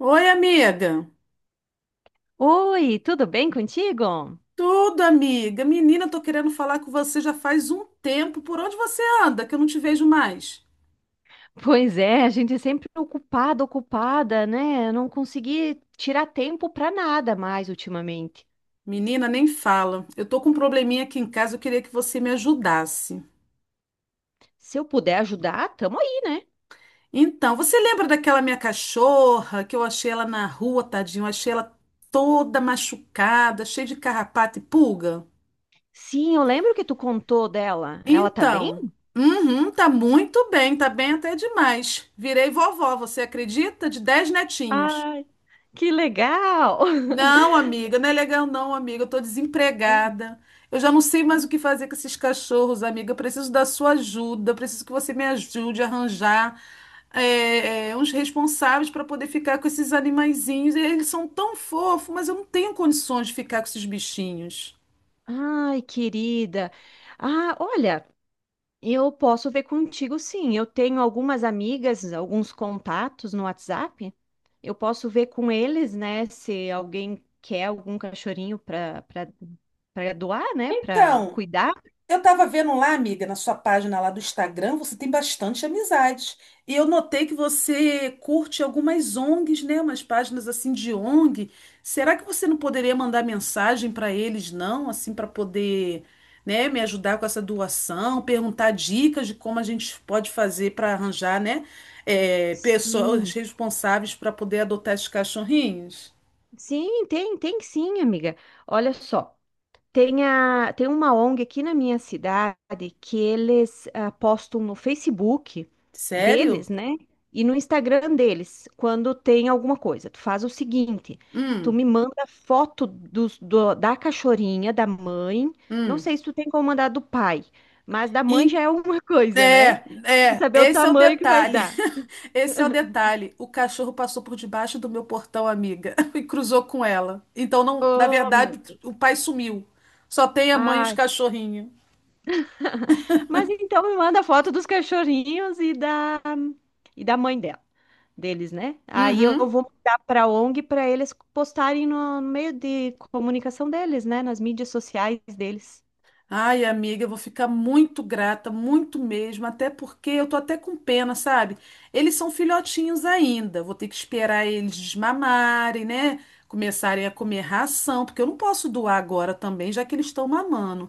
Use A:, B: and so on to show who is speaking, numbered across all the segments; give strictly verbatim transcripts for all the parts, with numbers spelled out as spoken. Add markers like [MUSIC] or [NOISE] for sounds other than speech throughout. A: Oi, amiga.
B: Oi, tudo bem contigo?
A: Tudo, amiga. Menina, tô querendo falar com você já faz um tempo. Por onde você anda, que eu não te vejo mais?
B: Pois é, a gente é sempre ocupada, ocupada, né? Eu não consegui tirar tempo para nada mais ultimamente.
A: Menina, nem fala. Eu tô com um probleminha aqui em casa, eu queria que você me ajudasse.
B: Se eu puder ajudar, tamo aí, né?
A: Então, você lembra daquela minha cachorra que eu achei ela na rua, tadinho? Eu achei ela toda machucada, cheia de carrapato e pulga?
B: Sim, eu lembro que tu contou dela. Ela tá bem?
A: Então, uhum, tá muito bem, tá bem até demais. Virei vovó, você acredita? De dez netinhos.
B: Ai, que legal!
A: Não, amiga, não é legal não, amiga. Eu tô
B: [LAUGHS]
A: desempregada. Eu já não sei mais o que fazer com esses cachorros, amiga. Eu preciso da sua ajuda. Eu preciso que você me ajude a arranjar é, é, uns responsáveis para poder ficar com esses animaizinhos. Eles são tão fofos, mas eu não tenho condições de ficar com esses bichinhos.
B: Ai, querida. Ah, olha. Eu posso ver contigo, sim. Eu tenho algumas amigas, alguns contatos no WhatsApp. Eu posso ver com eles, né, se alguém quer algum cachorrinho para para doar, né, para
A: Então,
B: cuidar.
A: eu tava vendo lá, amiga, na sua página lá do Instagram, você tem bastante amizades. E eu notei que você curte algumas O N Gs, né? Umas páginas assim de O N G. Será que você não poderia mandar mensagem para eles, não? Assim, para poder, né, me ajudar com essa doação, perguntar dicas de como a gente pode fazer para arranjar, né, é, pessoas
B: Sim.
A: responsáveis para poder adotar esses cachorrinhos?
B: Sim, tem, tem sim, amiga. Olha só. Tem, a, tem uma O N G aqui na minha cidade que eles ah, postam no Facebook deles,
A: Sério?
B: né? E no Instagram deles, quando tem alguma coisa. Tu faz o seguinte, tu
A: Hum,
B: me manda foto dos- do- da cachorrinha, da mãe. Não
A: hum.
B: sei se tu tem como mandar do pai, mas da mãe
A: E-
B: já é alguma [LAUGHS] coisa, né?
A: É,
B: Pra
A: é,
B: saber o
A: esse é o
B: tamanho que vai
A: detalhe.
B: dar.
A: Esse é o detalhe. O cachorro passou por debaixo do meu portão, amiga, [LAUGHS] e cruzou com ela. Então, não, na
B: Oh, meu
A: verdade,
B: Deus.
A: o pai sumiu. Só tem a mãe e os
B: Ai.
A: cachorrinhos.
B: Mas então me manda foto dos cachorrinhos e da, e da mãe dela, deles, né? Aí eu
A: Uhum.
B: vou mandar para O N G para eles postarem no, meio de comunicação deles, né? Nas mídias sociais deles.
A: Ai, amiga, eu vou ficar muito grata, muito mesmo, até porque eu tô até com pena, sabe? Eles são filhotinhos ainda, vou ter que esperar eles desmamarem, né? Começarem a comer ração, porque eu não posso doar agora também, já que eles estão mamando.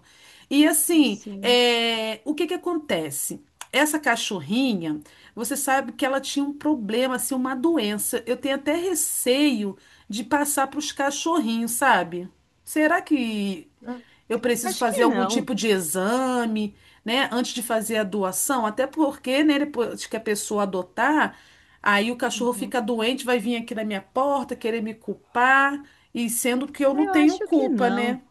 A: E assim,
B: Sim.
A: é, o que que acontece? Essa cachorrinha, você sabe que ela tinha um problema, assim, uma doença. Eu tenho até receio de passar para os cachorrinhos, sabe? Será que
B: Ah,
A: eu preciso
B: acho
A: fazer
B: que
A: algum
B: não.
A: tipo de exame, né, antes de fazer a doação, até porque, né, depois que a pessoa adotar, aí o cachorro
B: Uhum.
A: fica doente, vai vir aqui na minha porta querer me culpar, e sendo que eu
B: Ah,
A: não
B: eu
A: tenho
B: acho que
A: culpa,
B: não.
A: né?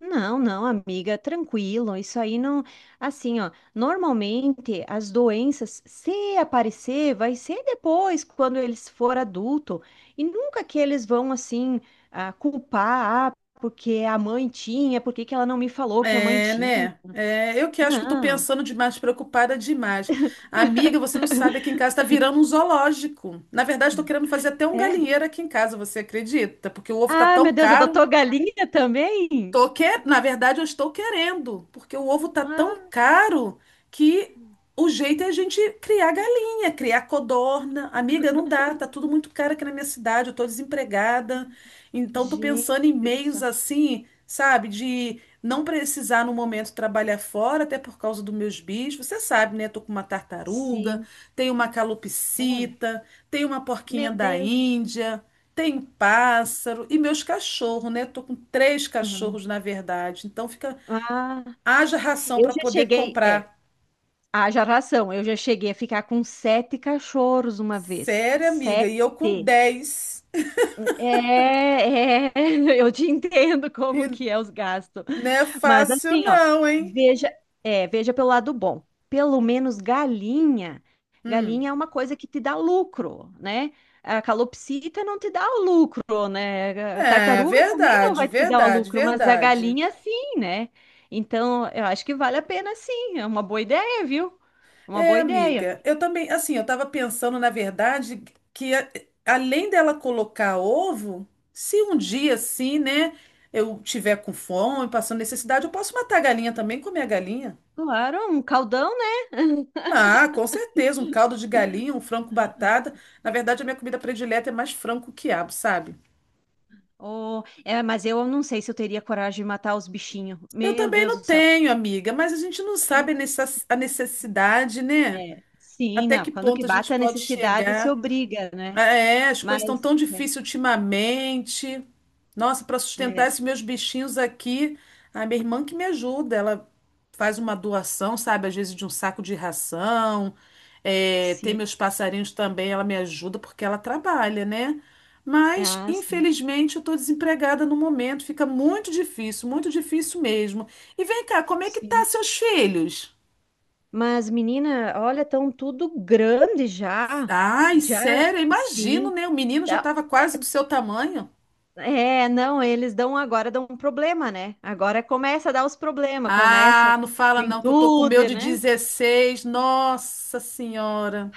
B: Não, não, amiga, tranquilo. Isso aí não. Assim, ó, normalmente as doenças, se aparecer, vai ser depois, quando eles for adulto. E nunca que eles vão, assim, ah, culpar, ah, porque a mãe tinha, por que que ela não me falou que a mãe
A: É,
B: tinha?
A: né? É, eu que acho que eu tô
B: Não.
A: pensando demais, preocupada demais. Amiga, você não sabe, aqui em casa tá virando um zoológico. Na verdade, tô querendo fazer até um
B: É.
A: galinheiro aqui em casa, você acredita? Porque o ovo tá
B: Ah,
A: tão
B: meu Deus,
A: caro.
B: adotou galinha também?
A: Tô que... Na verdade, eu estou querendo, porque o ovo tá tão
B: Ah,
A: caro que o jeito é a gente criar galinha, criar codorna. Amiga, não dá, tá tudo muito caro aqui na minha cidade, eu tô desempregada. Então, tô pensando em
B: gente do
A: meios
B: céu.
A: assim, sabe, de não precisar no momento trabalhar fora, até por causa dos meus bichos. Você sabe, né? Tô com uma tartaruga,
B: Sim,
A: tenho uma
B: olha.
A: calopsita, tenho uma porquinha
B: Meu
A: da
B: Deus.
A: Índia. Tem pássaro e meus cachorros, né? Tô com três
B: Aham.
A: cachorros, na verdade. Então fica,
B: Ah,
A: haja ração
B: eu
A: para
B: já
A: poder
B: cheguei. É.
A: comprar.
B: Haja ração. Eu já cheguei a ficar com sete cachorros uma vez.
A: Sério, amiga,
B: Sete.
A: e eu com dez.
B: É, é, [LAUGHS] eu te entendo como
A: E
B: que é os gastos.
A: não é
B: Mas
A: fácil
B: assim, ó,
A: não, hein?
B: veja, é, veja pelo lado bom. Pelo menos galinha,
A: Hum.
B: galinha é uma coisa que te dá lucro, né? A calopsita não te dá o lucro, né? A
A: É,
B: tartaruga também não
A: verdade,
B: vai te dar o
A: verdade,
B: lucro, mas a
A: verdade.
B: galinha sim, né? Então, eu acho que vale a pena sim, é uma boa ideia, viu? Uma
A: É,
B: boa ideia.
A: amiga, eu também, assim, eu tava pensando, na verdade, que a- além dela colocar ovo, se um dia assim, né, eu tiver com fome, passando necessidade, eu posso matar a galinha também, comer a galinha.
B: Claro, um caldão, né?
A: Ah, com certeza, um caldo de galinha, um frango com batata. Na verdade, a minha comida predileta é mais frango que quiabo, sabe?
B: Oh, é, mas eu não sei se eu teria coragem de matar os bichinhos.
A: Eu
B: Meu
A: também
B: Deus
A: não
B: do céu.
A: tenho, amiga, mas a gente não sabe a necess- a necessidade, né?
B: Sim,
A: Até
B: não.
A: que
B: Quando que
A: ponto a gente
B: bate a
A: pode
B: necessidade, se
A: chegar.
B: obriga, né?
A: É, é, as
B: Mas,
A: coisas estão tão difíceis ultimamente. Nossa, para
B: é,
A: sustentar
B: é,
A: esses meus bichinhos aqui, a minha irmã que me ajuda, ela faz uma doação, sabe, às vezes de um saco de ração. É, tem
B: sim.
A: meus passarinhos também, ela me ajuda porque ela trabalha, né?
B: É,
A: Mas,
B: ah, sim,
A: infelizmente, eu tô desempregada no momento, fica muito difícil, muito difícil mesmo. E vem cá, como é que tá
B: sim.
A: seus filhos?
B: Mas, menina, olha, estão tudo grande já.
A: Ai,
B: Já,
A: sério, eu imagino,
B: sim.
A: né? O menino já
B: Tá-
A: estava quase do seu tamanho.
B: É, é, não, eles dão agora dão um problema, né? Agora começa a dar os problemas, começa a
A: Ah, não fala não, que eu tô com o meu
B: juventude,
A: de
B: né?
A: dezesseis. Nossa Senhora.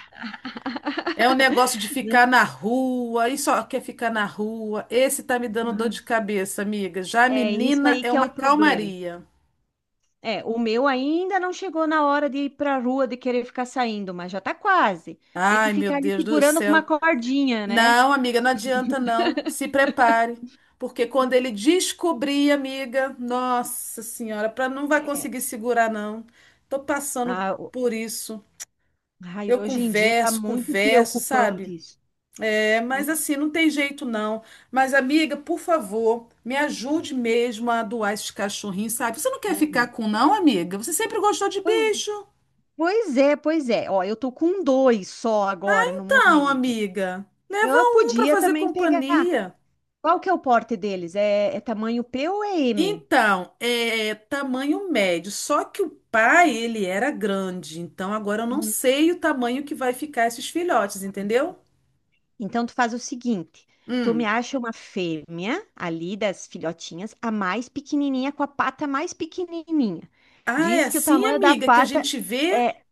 A: É o negócio de ficar na rua, e só quer ficar na rua. Esse tá me dando dor
B: Né?
A: de cabeça, amiga. Já a
B: É isso
A: menina
B: aí
A: é
B: que é
A: uma
B: o problema.
A: calmaria.
B: É, o meu ainda não chegou na hora de ir para a rua, de querer ficar saindo, mas já tá quase. Tem que
A: Ai, meu
B: ficar ali
A: Deus do
B: segurando com uma
A: céu.
B: cordinha, né?
A: Não, amiga, não adianta não. Se prepare, porque quando ele descobrir, amiga, nossa senhora, para não vai conseguir segurar não. Tô passando
B: Ah,
A: por isso.
B: ai,
A: Eu
B: hoje em dia está
A: converso,
B: muito
A: converso, sabe?
B: preocupante isso.
A: É, mas assim, não tem jeito não. Mas, amiga, por favor, me ajude mesmo a doar esses cachorrinhos, sabe? Você não quer ficar
B: Uhum.
A: com, não, amiga? Você sempre gostou de
B: Pois,
A: bicho?
B: pois é, pois é. Ó, eu tô com dois só agora no
A: Então,
B: momento.
A: amiga, leva
B: Eu
A: um para
B: podia
A: fazer
B: também pegar.
A: companhia.
B: Qual que é o porte deles? É, é tamanho P ou é M?
A: Então, é é tamanho médio. Só que o pai, ele era grande. Então, agora eu não
B: Uhum.
A: sei o tamanho que vai ficar esses filhotes, entendeu?
B: Então tu faz o seguinte, tu me
A: Hum.
B: acha uma fêmea ali das filhotinhas, a mais pequenininha com a pata mais pequenininha.
A: Ah, é
B: Diz que o
A: assim,
B: tamanho da
A: amiga, que a
B: pata
A: gente vê?
B: é.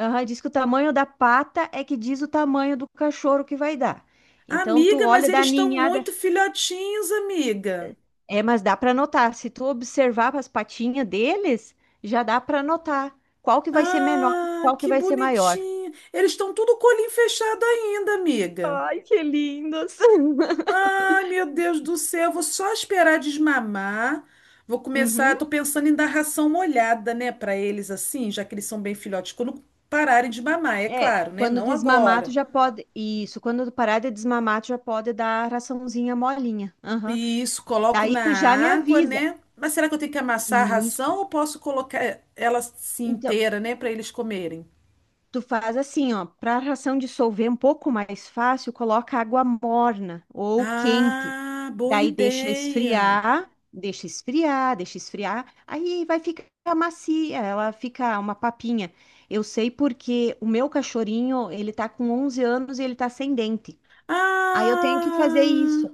B: Aham, diz que o tamanho da pata é que diz o tamanho do cachorro que vai dar. Então, tu
A: Amiga, mas
B: olha da
A: eles estão
B: ninhada.
A: muito filhotinhos, amiga.
B: É, mas dá para notar. Se tu observar as patinhas deles, já dá para notar qual que vai ser menor, e
A: Ah,
B: qual que
A: que
B: vai ser maior.
A: bonitinho. Eles estão tudo com o olhinho fechado ainda, amiga.
B: Ai, que lindos! [LAUGHS]
A: Ai, meu Deus do céu, vou só esperar desmamar. Vou
B: Uhum.
A: começar, tô pensando em dar ração molhada, né, para eles assim, já que eles são bem filhotes, quando pararem de mamar, é
B: É,
A: claro, né?
B: quando
A: Não
B: desmamar, tu
A: agora.
B: já pode. Isso, quando parar de desmamar, tu já pode dar a raçãozinha molinha. Aham.
A: E isso, coloco
B: Daí
A: na
B: tu já me
A: água,
B: avisa.
A: né? Mas será que eu tenho que amassar a
B: Isso.
A: ração ou posso colocar ela assim
B: Então.
A: inteira, né, para eles comerem?
B: Tu faz assim, ó, para a ração dissolver um pouco mais fácil, coloca água morna ou quente.
A: Ah, boa
B: Daí deixa
A: ideia.
B: esfriar, deixa esfriar, deixa esfriar. Aí vai ficar macia, ela fica uma papinha. Eu sei porque o meu cachorrinho, ele tá com onze anos e ele tá sem dente. Aí eu tenho que fazer
A: Ah!
B: isso,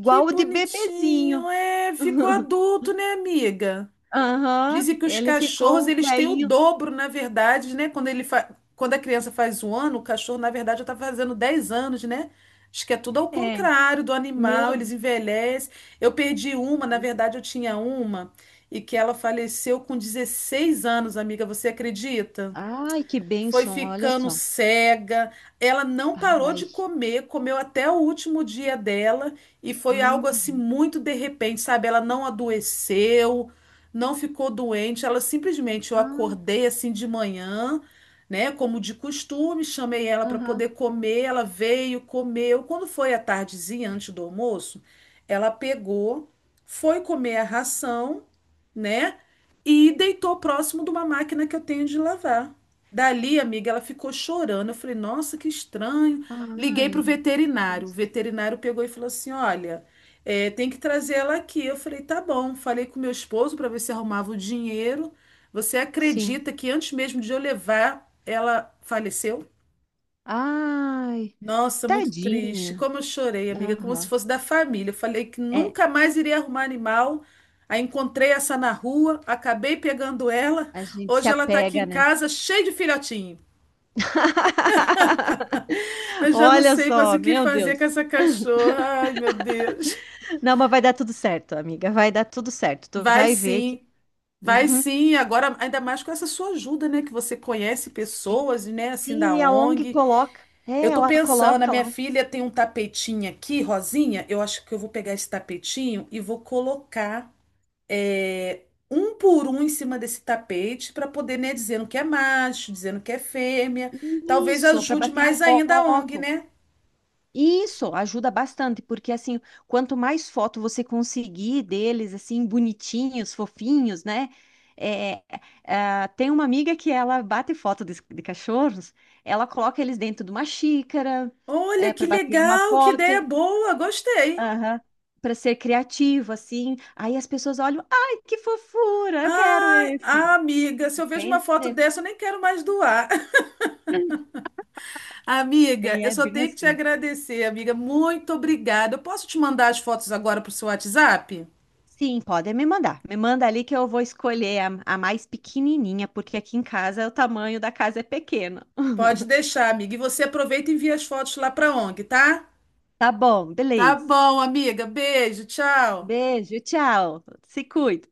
A: Que
B: o de bebezinho.
A: bonitinho. É, ficou
B: [LAUGHS]
A: adulto, né, amiga?
B: Aham,
A: Dizem que os
B: ele
A: cachorros,
B: ficou um
A: eles têm o
B: velhinho.
A: dobro, na verdade, né? Quando ele fa... Quando a criança faz um ano, o cachorro, na verdade, já está fazendo dez anos, né? Acho que é tudo ao
B: É,
A: contrário do
B: meu.
A: animal, eles envelhecem. Eu perdi uma, na verdade, eu tinha uma, e que ela faleceu com dezesseis anos, amiga. Você acredita?
B: Ai, que
A: Foi
B: bênção, olha
A: ficando
B: só.
A: cega. Ela não parou de
B: Ai.
A: comer, comeu até o último dia dela e foi algo assim
B: Hum.
A: muito de repente, sabe? Ela não adoeceu, não ficou doente, ela simplesmente eu
B: Ah,
A: acordei assim de manhã, né, como de costume, chamei ela para
B: aham.
A: poder comer, ela veio, comeu. Quando foi à tardezinha, antes do almoço, ela pegou, foi comer a ração, né? E deitou próximo de uma máquina que eu tenho de lavar. Dali, amiga, ela ficou chorando. Eu falei, nossa, que estranho. Liguei pro
B: Ai.
A: veterinário. O
B: Triste.
A: veterinário pegou e falou assim: olha, é, tem que trazer ela aqui. Eu falei, tá bom. Falei com meu esposo para ver se arrumava o dinheiro. Você
B: Sim.
A: acredita que antes mesmo de eu levar, ela faleceu?
B: Ai.
A: Nossa, muito triste.
B: Tadinha.
A: Como eu chorei, amiga, como se
B: Aham.
A: fosse da família. Eu falei que
B: É,
A: nunca mais iria arrumar animal. Aí encontrei essa na rua, acabei pegando ela.
B: a gente se
A: Hoje ela tá aqui
B: apega,
A: em
B: né?
A: casa, cheia de filhotinho.
B: [LAUGHS]
A: Eu já não
B: Olha
A: sei mais
B: só,
A: o que
B: meu
A: fazer com
B: Deus.
A: essa cachorra. Ai, meu Deus.
B: Não, mas vai dar tudo certo, amiga. Vai dar tudo certo. Tu
A: Vai
B: vai ver que.
A: sim, vai
B: Uhum.
A: sim. Agora, ainda mais com essa sua ajuda, né? Que você conhece pessoas, né? Assim,
B: Sim,
A: da
B: e a O N G
A: O N G.
B: coloca. É,
A: Eu tô
B: ela
A: pensando, a
B: coloca
A: minha
B: lá.
A: filha tem um tapetinho aqui, rosinha. Eu acho que eu vou pegar esse tapetinho e vou colocar é, um por um em cima desse tapete para poder, né? Dizendo que é macho, dizendo que é fêmea. Talvez
B: Isso, para
A: ajude
B: bater a
A: mais ainda a O N G,
B: foto.
A: né?
B: Isso ajuda bastante, porque assim, quanto mais foto você conseguir deles, assim, bonitinhos, fofinhos, né? É, ah, tem uma amiga que ela bate foto de, de cachorros, ela coloca eles dentro de uma xícara,
A: Olha que
B: para bater uma
A: legal, que ideia
B: foto,
A: boa, gostei.
B: para ser criativo, assim. Aí as pessoas olham, ai, que fofura, eu quero
A: Ai,
B: esse,
A: ah, amiga, se eu vejo uma
B: entende?
A: foto dessa, eu nem quero mais doar. [LAUGHS] Amiga,
B: E
A: eu
B: é
A: só
B: bem
A: tenho que te
B: assim.
A: agradecer, amiga. Muito obrigada. Eu posso te mandar as fotos agora para o seu WhatsApp?
B: Sim, podem me mandar. Me manda ali que eu vou escolher a, a mais pequenininha, porque aqui em casa o tamanho da casa é pequeno.
A: Pode
B: [LAUGHS]
A: deixar, amiga. E você aproveita e envia as fotos lá para O N G, tá?
B: Tá bom,
A: Tá
B: beleza.
A: bom, amiga. Beijo, tchau.
B: Beijo, tchau. Se cuida.